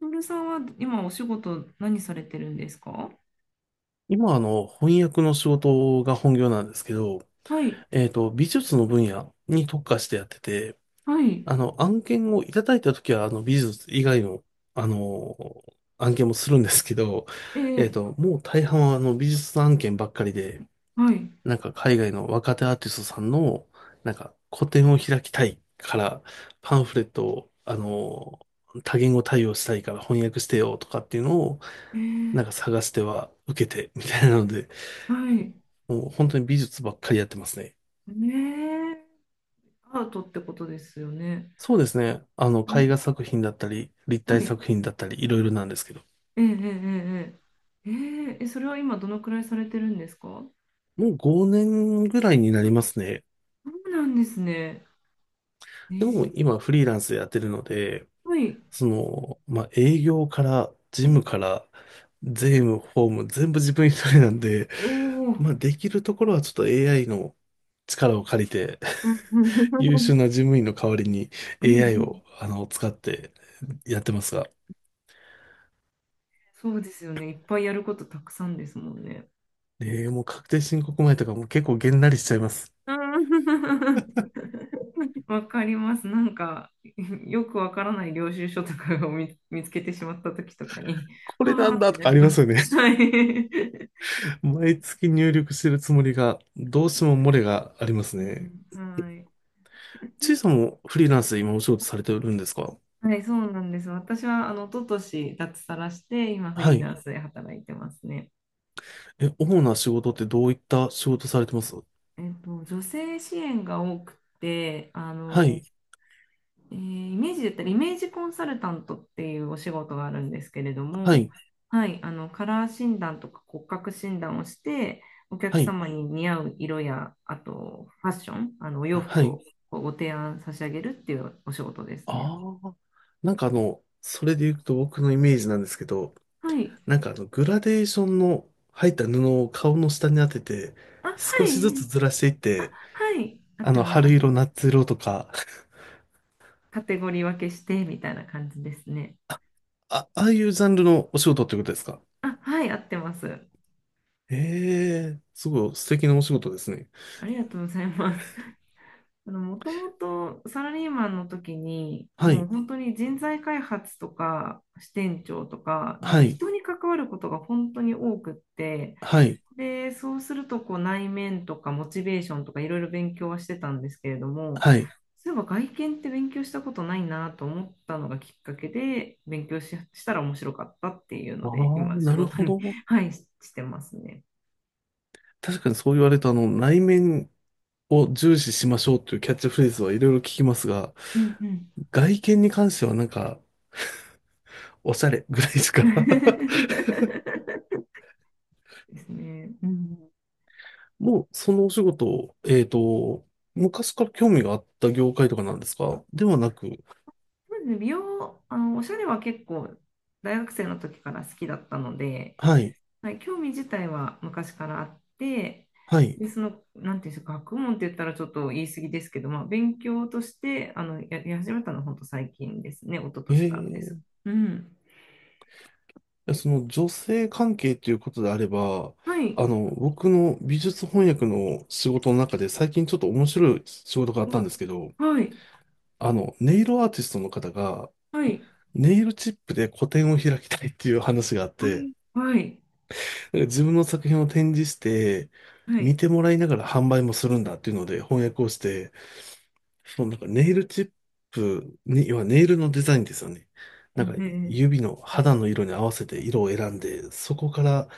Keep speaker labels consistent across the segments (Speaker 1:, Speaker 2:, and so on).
Speaker 1: トールさんは今お仕事何されてるんですか？
Speaker 2: 今、翻訳の仕事が本業なんですけど、
Speaker 1: はい、
Speaker 2: 美術の分野に特化してやってて、
Speaker 1: はい、
Speaker 2: 案件をいただいたときは、美術以外の、あの、案件もするんですけど、
Speaker 1: え
Speaker 2: もう大半は、美術案件ばっかりで、
Speaker 1: はい、
Speaker 2: 海外の若手アーティストさんの、個展を開きたいから、パンフレットを、多言語対応したいから翻訳してよとかっていうのを、
Speaker 1: え
Speaker 2: な
Speaker 1: ー
Speaker 2: んか探しては受けてみたいなので、
Speaker 1: はい、
Speaker 2: もう本当に美術ばっかりやってますね。
Speaker 1: ねえ、アートってことですよね。
Speaker 2: そうですね。あの、絵画
Speaker 1: ん
Speaker 2: 作品だったり、立
Speaker 1: は
Speaker 2: 体
Speaker 1: い、
Speaker 2: 作品だったり、いろいろなんですけど。
Speaker 1: ええ、ええ、それは今どのくらいされてるんですか？
Speaker 2: もう5年ぐらいになりますね。
Speaker 1: そうなんですね。え
Speaker 2: でも
Speaker 1: え、
Speaker 2: 今フリーランスでやってるので、
Speaker 1: はい、
Speaker 2: その、まあ、営業から、事務から、税務、法務、全部自分一人なんで、
Speaker 1: おお、う
Speaker 2: まあ、
Speaker 1: ん、
Speaker 2: できるところはちょっと AI の力を借りて、
Speaker 1: う ん、
Speaker 2: 優秀な事務員の代わりに
Speaker 1: うん、う
Speaker 2: AI
Speaker 1: ん、
Speaker 2: を、使ってやってますが、
Speaker 1: そうですよね。いっぱいやることたくさんですもんね。
Speaker 2: ねえ、もう確定申告前とかも結構げんなりしちゃいます。
Speaker 1: うん、わかります。なんか、よくわからない領収書とかを見つけてしまった時とかに、
Speaker 2: これ
Speaker 1: は
Speaker 2: な
Speaker 1: ー
Speaker 2: ん
Speaker 1: っ
Speaker 2: だ
Speaker 1: て
Speaker 2: と
Speaker 1: な
Speaker 2: かあ
Speaker 1: り
Speaker 2: りま
Speaker 1: ま
Speaker 2: すよ
Speaker 1: す。
Speaker 2: ね。
Speaker 1: はい。
Speaker 2: 毎月入力してるつもりが、どうしても漏れがありま す
Speaker 1: う
Speaker 2: ね。
Speaker 1: ん、はい。
Speaker 2: ちいさんもフリーランスで今お仕事されてるんですか？
Speaker 1: はい、そうなんです。私は、あの、一昨年脱サラして、今、フ
Speaker 2: は
Speaker 1: リー
Speaker 2: い。
Speaker 1: ランスで働いてますね。
Speaker 2: え、主な仕事ってどういった仕事されてます？
Speaker 1: 女性支援が多くて、あ
Speaker 2: は
Speaker 1: の、
Speaker 2: い。
Speaker 1: イメージだったらイメージコンサルタントっていうお仕事があるんですけれど
Speaker 2: は
Speaker 1: も、
Speaker 2: い。
Speaker 1: はい、あのカラー診断とか骨格診断をして、お客
Speaker 2: はい。
Speaker 1: 様に似合う色や、あとファッション、あのお洋
Speaker 2: は
Speaker 1: 服を
Speaker 2: い。
Speaker 1: こうご提案差し上げるっていうお仕事ですね。
Speaker 2: ああ。なんかあの、それで言うと僕のイメージなんですけど、
Speaker 1: はい。
Speaker 2: なんかあの、グラデーションの入った布を顔の下に当てて、
Speaker 1: あ、は
Speaker 2: 少しずつ
Speaker 1: い。
Speaker 2: ずらしていっ
Speaker 1: あ、
Speaker 2: て、
Speaker 1: はい。合ってます、合
Speaker 2: 春
Speaker 1: って
Speaker 2: 色、
Speaker 1: ます。
Speaker 2: 夏色とか、
Speaker 1: カテゴリー分けしてみたいな感じですね。
Speaker 2: あ、ああいうジャンルのお仕事ってことですか？
Speaker 1: あ、はい、合ってます。
Speaker 2: ええ、すごい素敵なお仕事ですね。
Speaker 1: ありがとうございます。もともとサラリーマンの時に、
Speaker 2: は
Speaker 1: もう
Speaker 2: い、
Speaker 1: 本当に人材開発とか支店長とか、なん
Speaker 2: は
Speaker 1: か
Speaker 2: い、
Speaker 1: 人に関わることが本当に多くって、
Speaker 2: はい、
Speaker 1: で、そうするとこう内面とかモチベーションとかいろいろ勉強はしてたんですけれども、
Speaker 2: はい。
Speaker 1: そういえば外見って勉強したことないなと思ったのがきっかけで、勉強し、したら面白かったっていう
Speaker 2: あ
Speaker 1: ので、
Speaker 2: あ、
Speaker 1: 今仕
Speaker 2: なる
Speaker 1: 事
Speaker 2: ほ
Speaker 1: に
Speaker 2: ど。
Speaker 1: はい、してますね。
Speaker 2: 確かにそう言われると、内面を重視しましょうというキャッチフレーズはいろいろ聞きますが、
Speaker 1: うん、うん。
Speaker 2: 外見に関してはなんか、おしゃれぐらいしか。
Speaker 1: ですね。うん。
Speaker 2: もう、そのお仕事、昔から興味があった業界とかなんですかではなく、
Speaker 1: そうですね、美容、あの、おしゃれは結構大学生の時から好きだったので、
Speaker 2: はい、
Speaker 1: はい、興味自体は昔からあって、
Speaker 2: はい。
Speaker 1: で、その、なんていうんですか、学問って言ったらちょっと言い過ぎですけど、まあ、勉強として、あの、やり始めたのは本当最近ですね、一昨年からです。
Speaker 2: ええ、
Speaker 1: うん。
Speaker 2: やその女性関係ということであれば、
Speaker 1: はい。
Speaker 2: 僕の美術翻訳の仕事の中で最近ちょっと面白い仕事があったんで
Speaker 1: お、
Speaker 2: すけど、
Speaker 1: はい。
Speaker 2: ネイルアーティストの方が
Speaker 1: はい。
Speaker 2: ネイルチップで個展を開きたいっていう話があっ
Speaker 1: う
Speaker 2: て、
Speaker 1: ん、はい。
Speaker 2: なんか自分の作品を展示して、
Speaker 1: は
Speaker 2: 見
Speaker 1: い。
Speaker 2: てもらいながら販売もするんだっていうので翻訳をして、そのなんかネイルチップに要はネイルのデザインですよね。
Speaker 1: う
Speaker 2: なん
Speaker 1: ん。
Speaker 2: か指の肌の色に合わせて色を選んで、そこから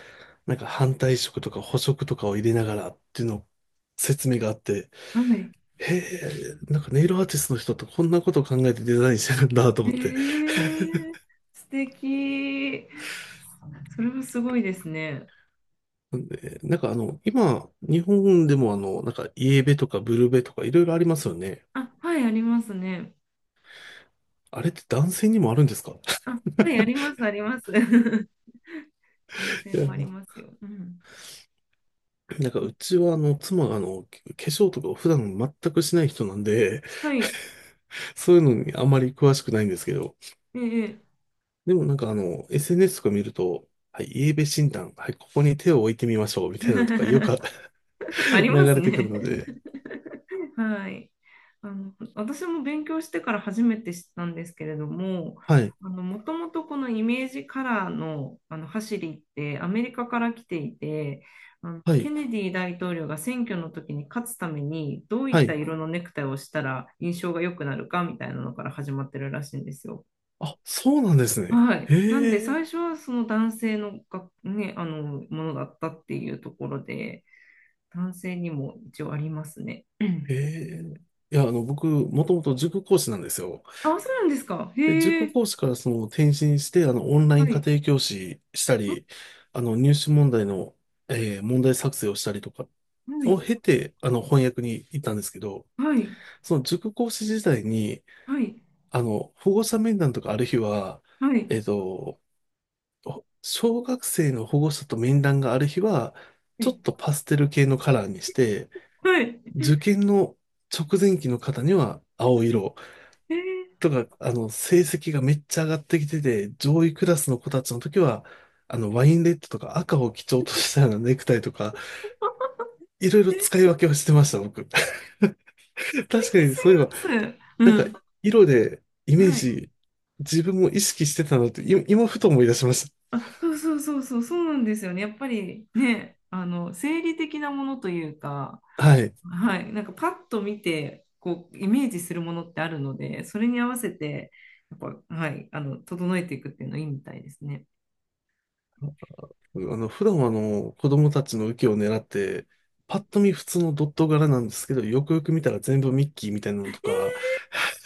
Speaker 2: なんか反対色とか補色とかを入れながらっていうのを説明があって、
Speaker 1: はい。
Speaker 2: へえ、なんかネイルアーティストの人ってこんなことを考えてデザインしてるんだと
Speaker 1: え
Speaker 2: 思って。
Speaker 1: ー、素敵。それはすごいですね。
Speaker 2: でなんかあの、今、日本でもあの、なんかイエベとかブルベとかいろいろありますよね。
Speaker 1: あ、はい、ありますね。
Speaker 2: あれって男性にもあるんですか？
Speaker 1: あ、はい、あります、あります。男性
Speaker 2: い
Speaker 1: もあり
Speaker 2: や、
Speaker 1: ますよ。うん。
Speaker 2: なんかうちはあの、妻があの、化粧とかを普段全くしない人なんで、
Speaker 1: はい。
Speaker 2: そういうのにあまり詳しくないんですけど、
Speaker 1: ええ。
Speaker 2: でもなんかあの、SNS とか見ると、はい、イーベ診断、はい、ここに手を置いてみましょう、みたいなのとかよく
Speaker 1: あ りま
Speaker 2: 流
Speaker 1: す
Speaker 2: れてくる
Speaker 1: ね。
Speaker 2: ので、
Speaker 1: はい。あの、私も勉強してから初めて知ったんですけれども、
Speaker 2: はい、
Speaker 1: あの、もともとこのイメージカラーの、あの、走りってアメリカから来ていて、あの、
Speaker 2: は
Speaker 1: ケ
Speaker 2: い、
Speaker 1: ネディ大統領が選挙の時に勝つためにどう
Speaker 2: は
Speaker 1: いった
Speaker 2: い。
Speaker 1: 色のネクタイをしたら印象が良くなるかみたいなのから始まってるらしいんですよ。
Speaker 2: あ、そうなんですね。
Speaker 1: はい。なんで、
Speaker 2: へえ、
Speaker 1: 最初はその男性のが、ね、あの、ものだったっていうところで、男性にも一応ありますね。うん。
Speaker 2: へえ。いや、僕、もともと塾講師なんですよ。
Speaker 1: あ、そうなんですか。
Speaker 2: で、
Speaker 1: へ
Speaker 2: 塾
Speaker 1: え。
Speaker 2: 講師からその転身して、オンラ
Speaker 1: は
Speaker 2: イン家
Speaker 1: い。
Speaker 2: 庭教師した
Speaker 1: あ、
Speaker 2: り、入試問題の、問題作成をしたりとか
Speaker 1: は
Speaker 2: を
Speaker 1: い。
Speaker 2: 経て、翻訳に行ったんですけど、
Speaker 1: はい。
Speaker 2: その塾講師時代に、
Speaker 1: はい。
Speaker 2: 保護者面談とかある日は、
Speaker 1: はい。
Speaker 2: えっと、小学生の保護者と面談がある日は、
Speaker 1: は
Speaker 2: ちょっ
Speaker 1: い。
Speaker 2: とパステル系のカラーにして、
Speaker 1: はい、
Speaker 2: 受験の直前期の方には青色、
Speaker 1: へえ。
Speaker 2: とか、成績がめっちゃ上がってきてて、上位クラスの子たちの時は、ワインレッドとか赤を基調としたような ネクタイとか、いろいろ
Speaker 1: え、素
Speaker 2: 使い分けをしてました、僕。確か
Speaker 1: 敵
Speaker 2: に、
Speaker 1: す
Speaker 2: そういえば、
Speaker 1: ぎます。
Speaker 2: な
Speaker 1: う
Speaker 2: んか、
Speaker 1: ん。
Speaker 2: 色でイメー
Speaker 1: はい。
Speaker 2: ジ、自分も意識してたなって、今、ふと思い出しまし
Speaker 1: あ、そうそうそうそう、そうなんですよね。やっぱりね、あの、生理的なものというか、
Speaker 2: た。はい。
Speaker 1: はい、なんかパッと見てこうイメージするものってあるので、それに合わせてやっぱ、はい、あの整えていくっていうのいいみたいですね。
Speaker 2: 普段はあの、子供たちの受けを狙って、パッと見普通のドット柄なんですけど、よくよく見たら全部ミッキーみたいなのとか、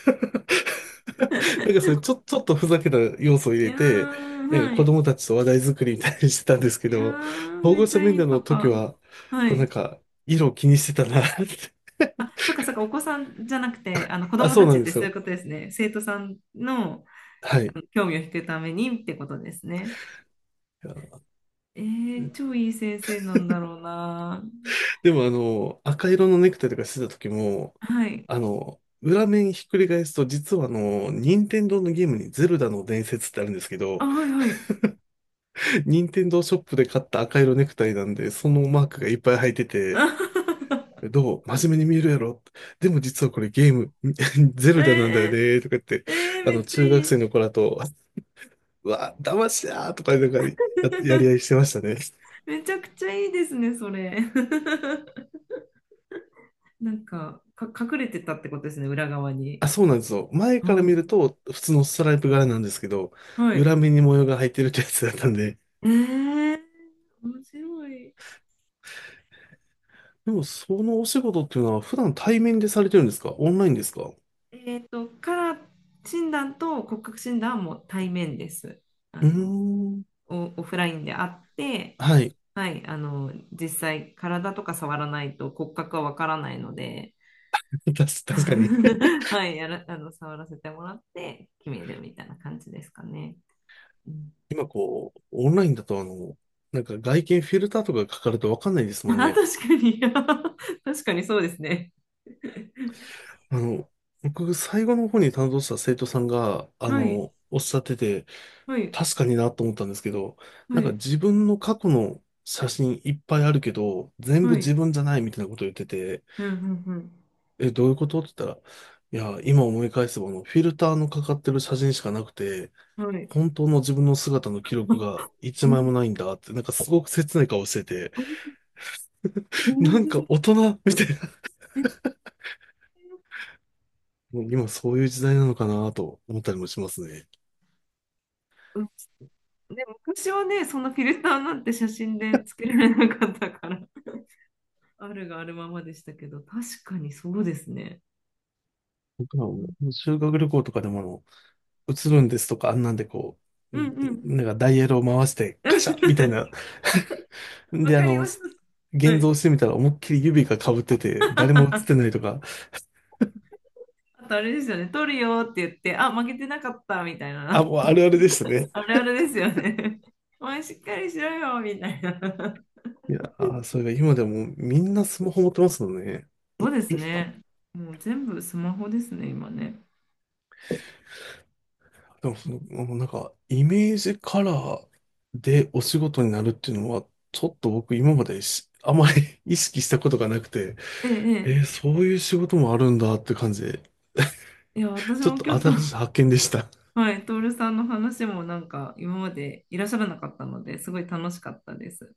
Speaker 2: なん かそれちょ、ちょっとふざけた要素を入
Speaker 1: い
Speaker 2: れ
Speaker 1: やー、
Speaker 2: て、なんか
Speaker 1: は
Speaker 2: 子
Speaker 1: い。
Speaker 2: 供たちと話題作りみたいにしてたんですけ
Speaker 1: いや
Speaker 2: ど、
Speaker 1: ー、
Speaker 2: 保
Speaker 1: めっ
Speaker 2: 護
Speaker 1: ち
Speaker 2: 者
Speaker 1: ゃい
Speaker 2: 面
Speaker 1: い
Speaker 2: 談
Speaker 1: パ
Speaker 2: の時
Speaker 1: パ。
Speaker 2: は、
Speaker 1: は
Speaker 2: こうなん
Speaker 1: い。
Speaker 2: か、色を気にしてたなって。
Speaker 1: あ、そっかそっか、お子さんじゃなくて、あの子
Speaker 2: あ、
Speaker 1: 供
Speaker 2: そ
Speaker 1: た
Speaker 2: うな
Speaker 1: ち
Speaker 2: ん
Speaker 1: っ
Speaker 2: で
Speaker 1: て
Speaker 2: す
Speaker 1: そうい
Speaker 2: よ。
Speaker 1: うことですね。生徒さんの、
Speaker 2: は
Speaker 1: あ
Speaker 2: い。
Speaker 1: の興味を引くためにってことですね。えー、超いい先生なんだろうな。
Speaker 2: でもあの、赤色のネクタイとかしてた時も、
Speaker 1: はい。
Speaker 2: 裏面ひっくり返すと、実はあの、任天堂のゲームにゼルダの伝説ってあるんですけど、
Speaker 1: あ、はいはい。
Speaker 2: 任天堂ショップで買った赤色ネクタイなんで、そのマークがいっぱい入ってて、どう真面目に見えるやろでも実はこれゲーム、ゼ ルダなんだよ
Speaker 1: えー、
Speaker 2: ね、とか言って、
Speaker 1: えー、めっちゃ
Speaker 2: 中
Speaker 1: い
Speaker 2: 学
Speaker 1: い。
Speaker 2: 生の子らと、うわ、騙しだーとか、やり合いして ましたね。
Speaker 1: めちゃくちゃいいですね、それ。なんか、隠れてたってことですね、裏側に。
Speaker 2: あ、そうなんですよ。前
Speaker 1: う
Speaker 2: から見
Speaker 1: ん。
Speaker 2: ると、普通のストライプ柄なんですけど、
Speaker 1: は
Speaker 2: 裏
Speaker 1: い。
Speaker 2: 目に模様が入ってるってやつだったんで。
Speaker 1: えー、面白い。
Speaker 2: でも、そのお仕事っていうのは、普段対面でされてるんですかオンラインですか？
Speaker 1: カラー診断と骨格診断はもう対面です。あ
Speaker 2: うー
Speaker 1: の、
Speaker 2: ん。
Speaker 1: オフラインであって、
Speaker 2: はい。
Speaker 1: はい、あの、実際、体とか触らないと骨格はわからないので、
Speaker 2: 確かに。
Speaker 1: はい、あの、触らせてもらって決めるみたいな感じですかね。うん。
Speaker 2: 今こう、オンラインだとあの、なんか外見フィルターとかかかるとわかんないですも
Speaker 1: あ、
Speaker 2: んね。
Speaker 1: 確かに。確かにそうですね。
Speaker 2: あの、僕、最後の方に担当した生徒さんが、
Speaker 1: はい、
Speaker 2: おっしゃってて、
Speaker 1: はい、
Speaker 2: 確かになと思ったんですけど、
Speaker 1: は
Speaker 2: なんか
Speaker 1: い、
Speaker 2: 自分の過去の写真いっぱいあるけど、全部
Speaker 1: はい。
Speaker 2: 自分じゃないみたいなことを言ってて、
Speaker 1: うん、うん、
Speaker 2: え、どういうことって言ったら、いや、今思い返せば、フィルターのかかってる写真しかなくて、
Speaker 1: うん。はい。
Speaker 2: 本当の自分の姿の記 録が
Speaker 1: な
Speaker 2: 一枚もないんだって、なんかすごく切ない顔してて、
Speaker 1: るほ
Speaker 2: なんか
Speaker 1: ど
Speaker 2: 大人みたいな、
Speaker 1: ね。
Speaker 2: もう今そういう時代なのかなと思ったりもしますね。
Speaker 1: うん。ね、昔はね、そんなフィルターなんて写真でつけられなかったから、あるがあるままでしたけど、確かにそうですね。
Speaker 2: 僕ら
Speaker 1: う
Speaker 2: も
Speaker 1: ん、
Speaker 2: 修学旅行とかでも、映るんですとか、あんなんでこ
Speaker 1: う
Speaker 2: う、
Speaker 1: ん、
Speaker 2: ん
Speaker 1: うん。
Speaker 2: なんかダイヤルを回して、カシャみたいな。
Speaker 1: わ
Speaker 2: で、
Speaker 1: かります。は
Speaker 2: 現
Speaker 1: い。
Speaker 2: 像してみたら思いっきり指が被ってて、誰も映ってない とか、
Speaker 1: あとあれですよね、撮るよって言って、あ、負けてなかったみたい
Speaker 2: あ、
Speaker 1: な。
Speaker 2: もうあるあるでしたね。
Speaker 1: あるあるですよね。お前しっかりしろよ、みたいな。
Speaker 2: いやー、それが今でもみんなスマホ持ってますもんね。
Speaker 1: そうですね。もう全部スマホですね、今ね。
Speaker 2: でもその、もうなんか、イメージカラーでお仕事になるっていうのは、ちょっと僕今まであまり 意識したことがなくて、
Speaker 1: ええ、え
Speaker 2: えーそういう仕事もあるんだって感じで
Speaker 1: え。いや、私
Speaker 2: ちょっ
Speaker 1: も
Speaker 2: と
Speaker 1: 今日と、
Speaker 2: 新しい 発見でした。
Speaker 1: はい、トールさんの話もなんか今までいらっしゃらなかったので、すごい楽しかったです。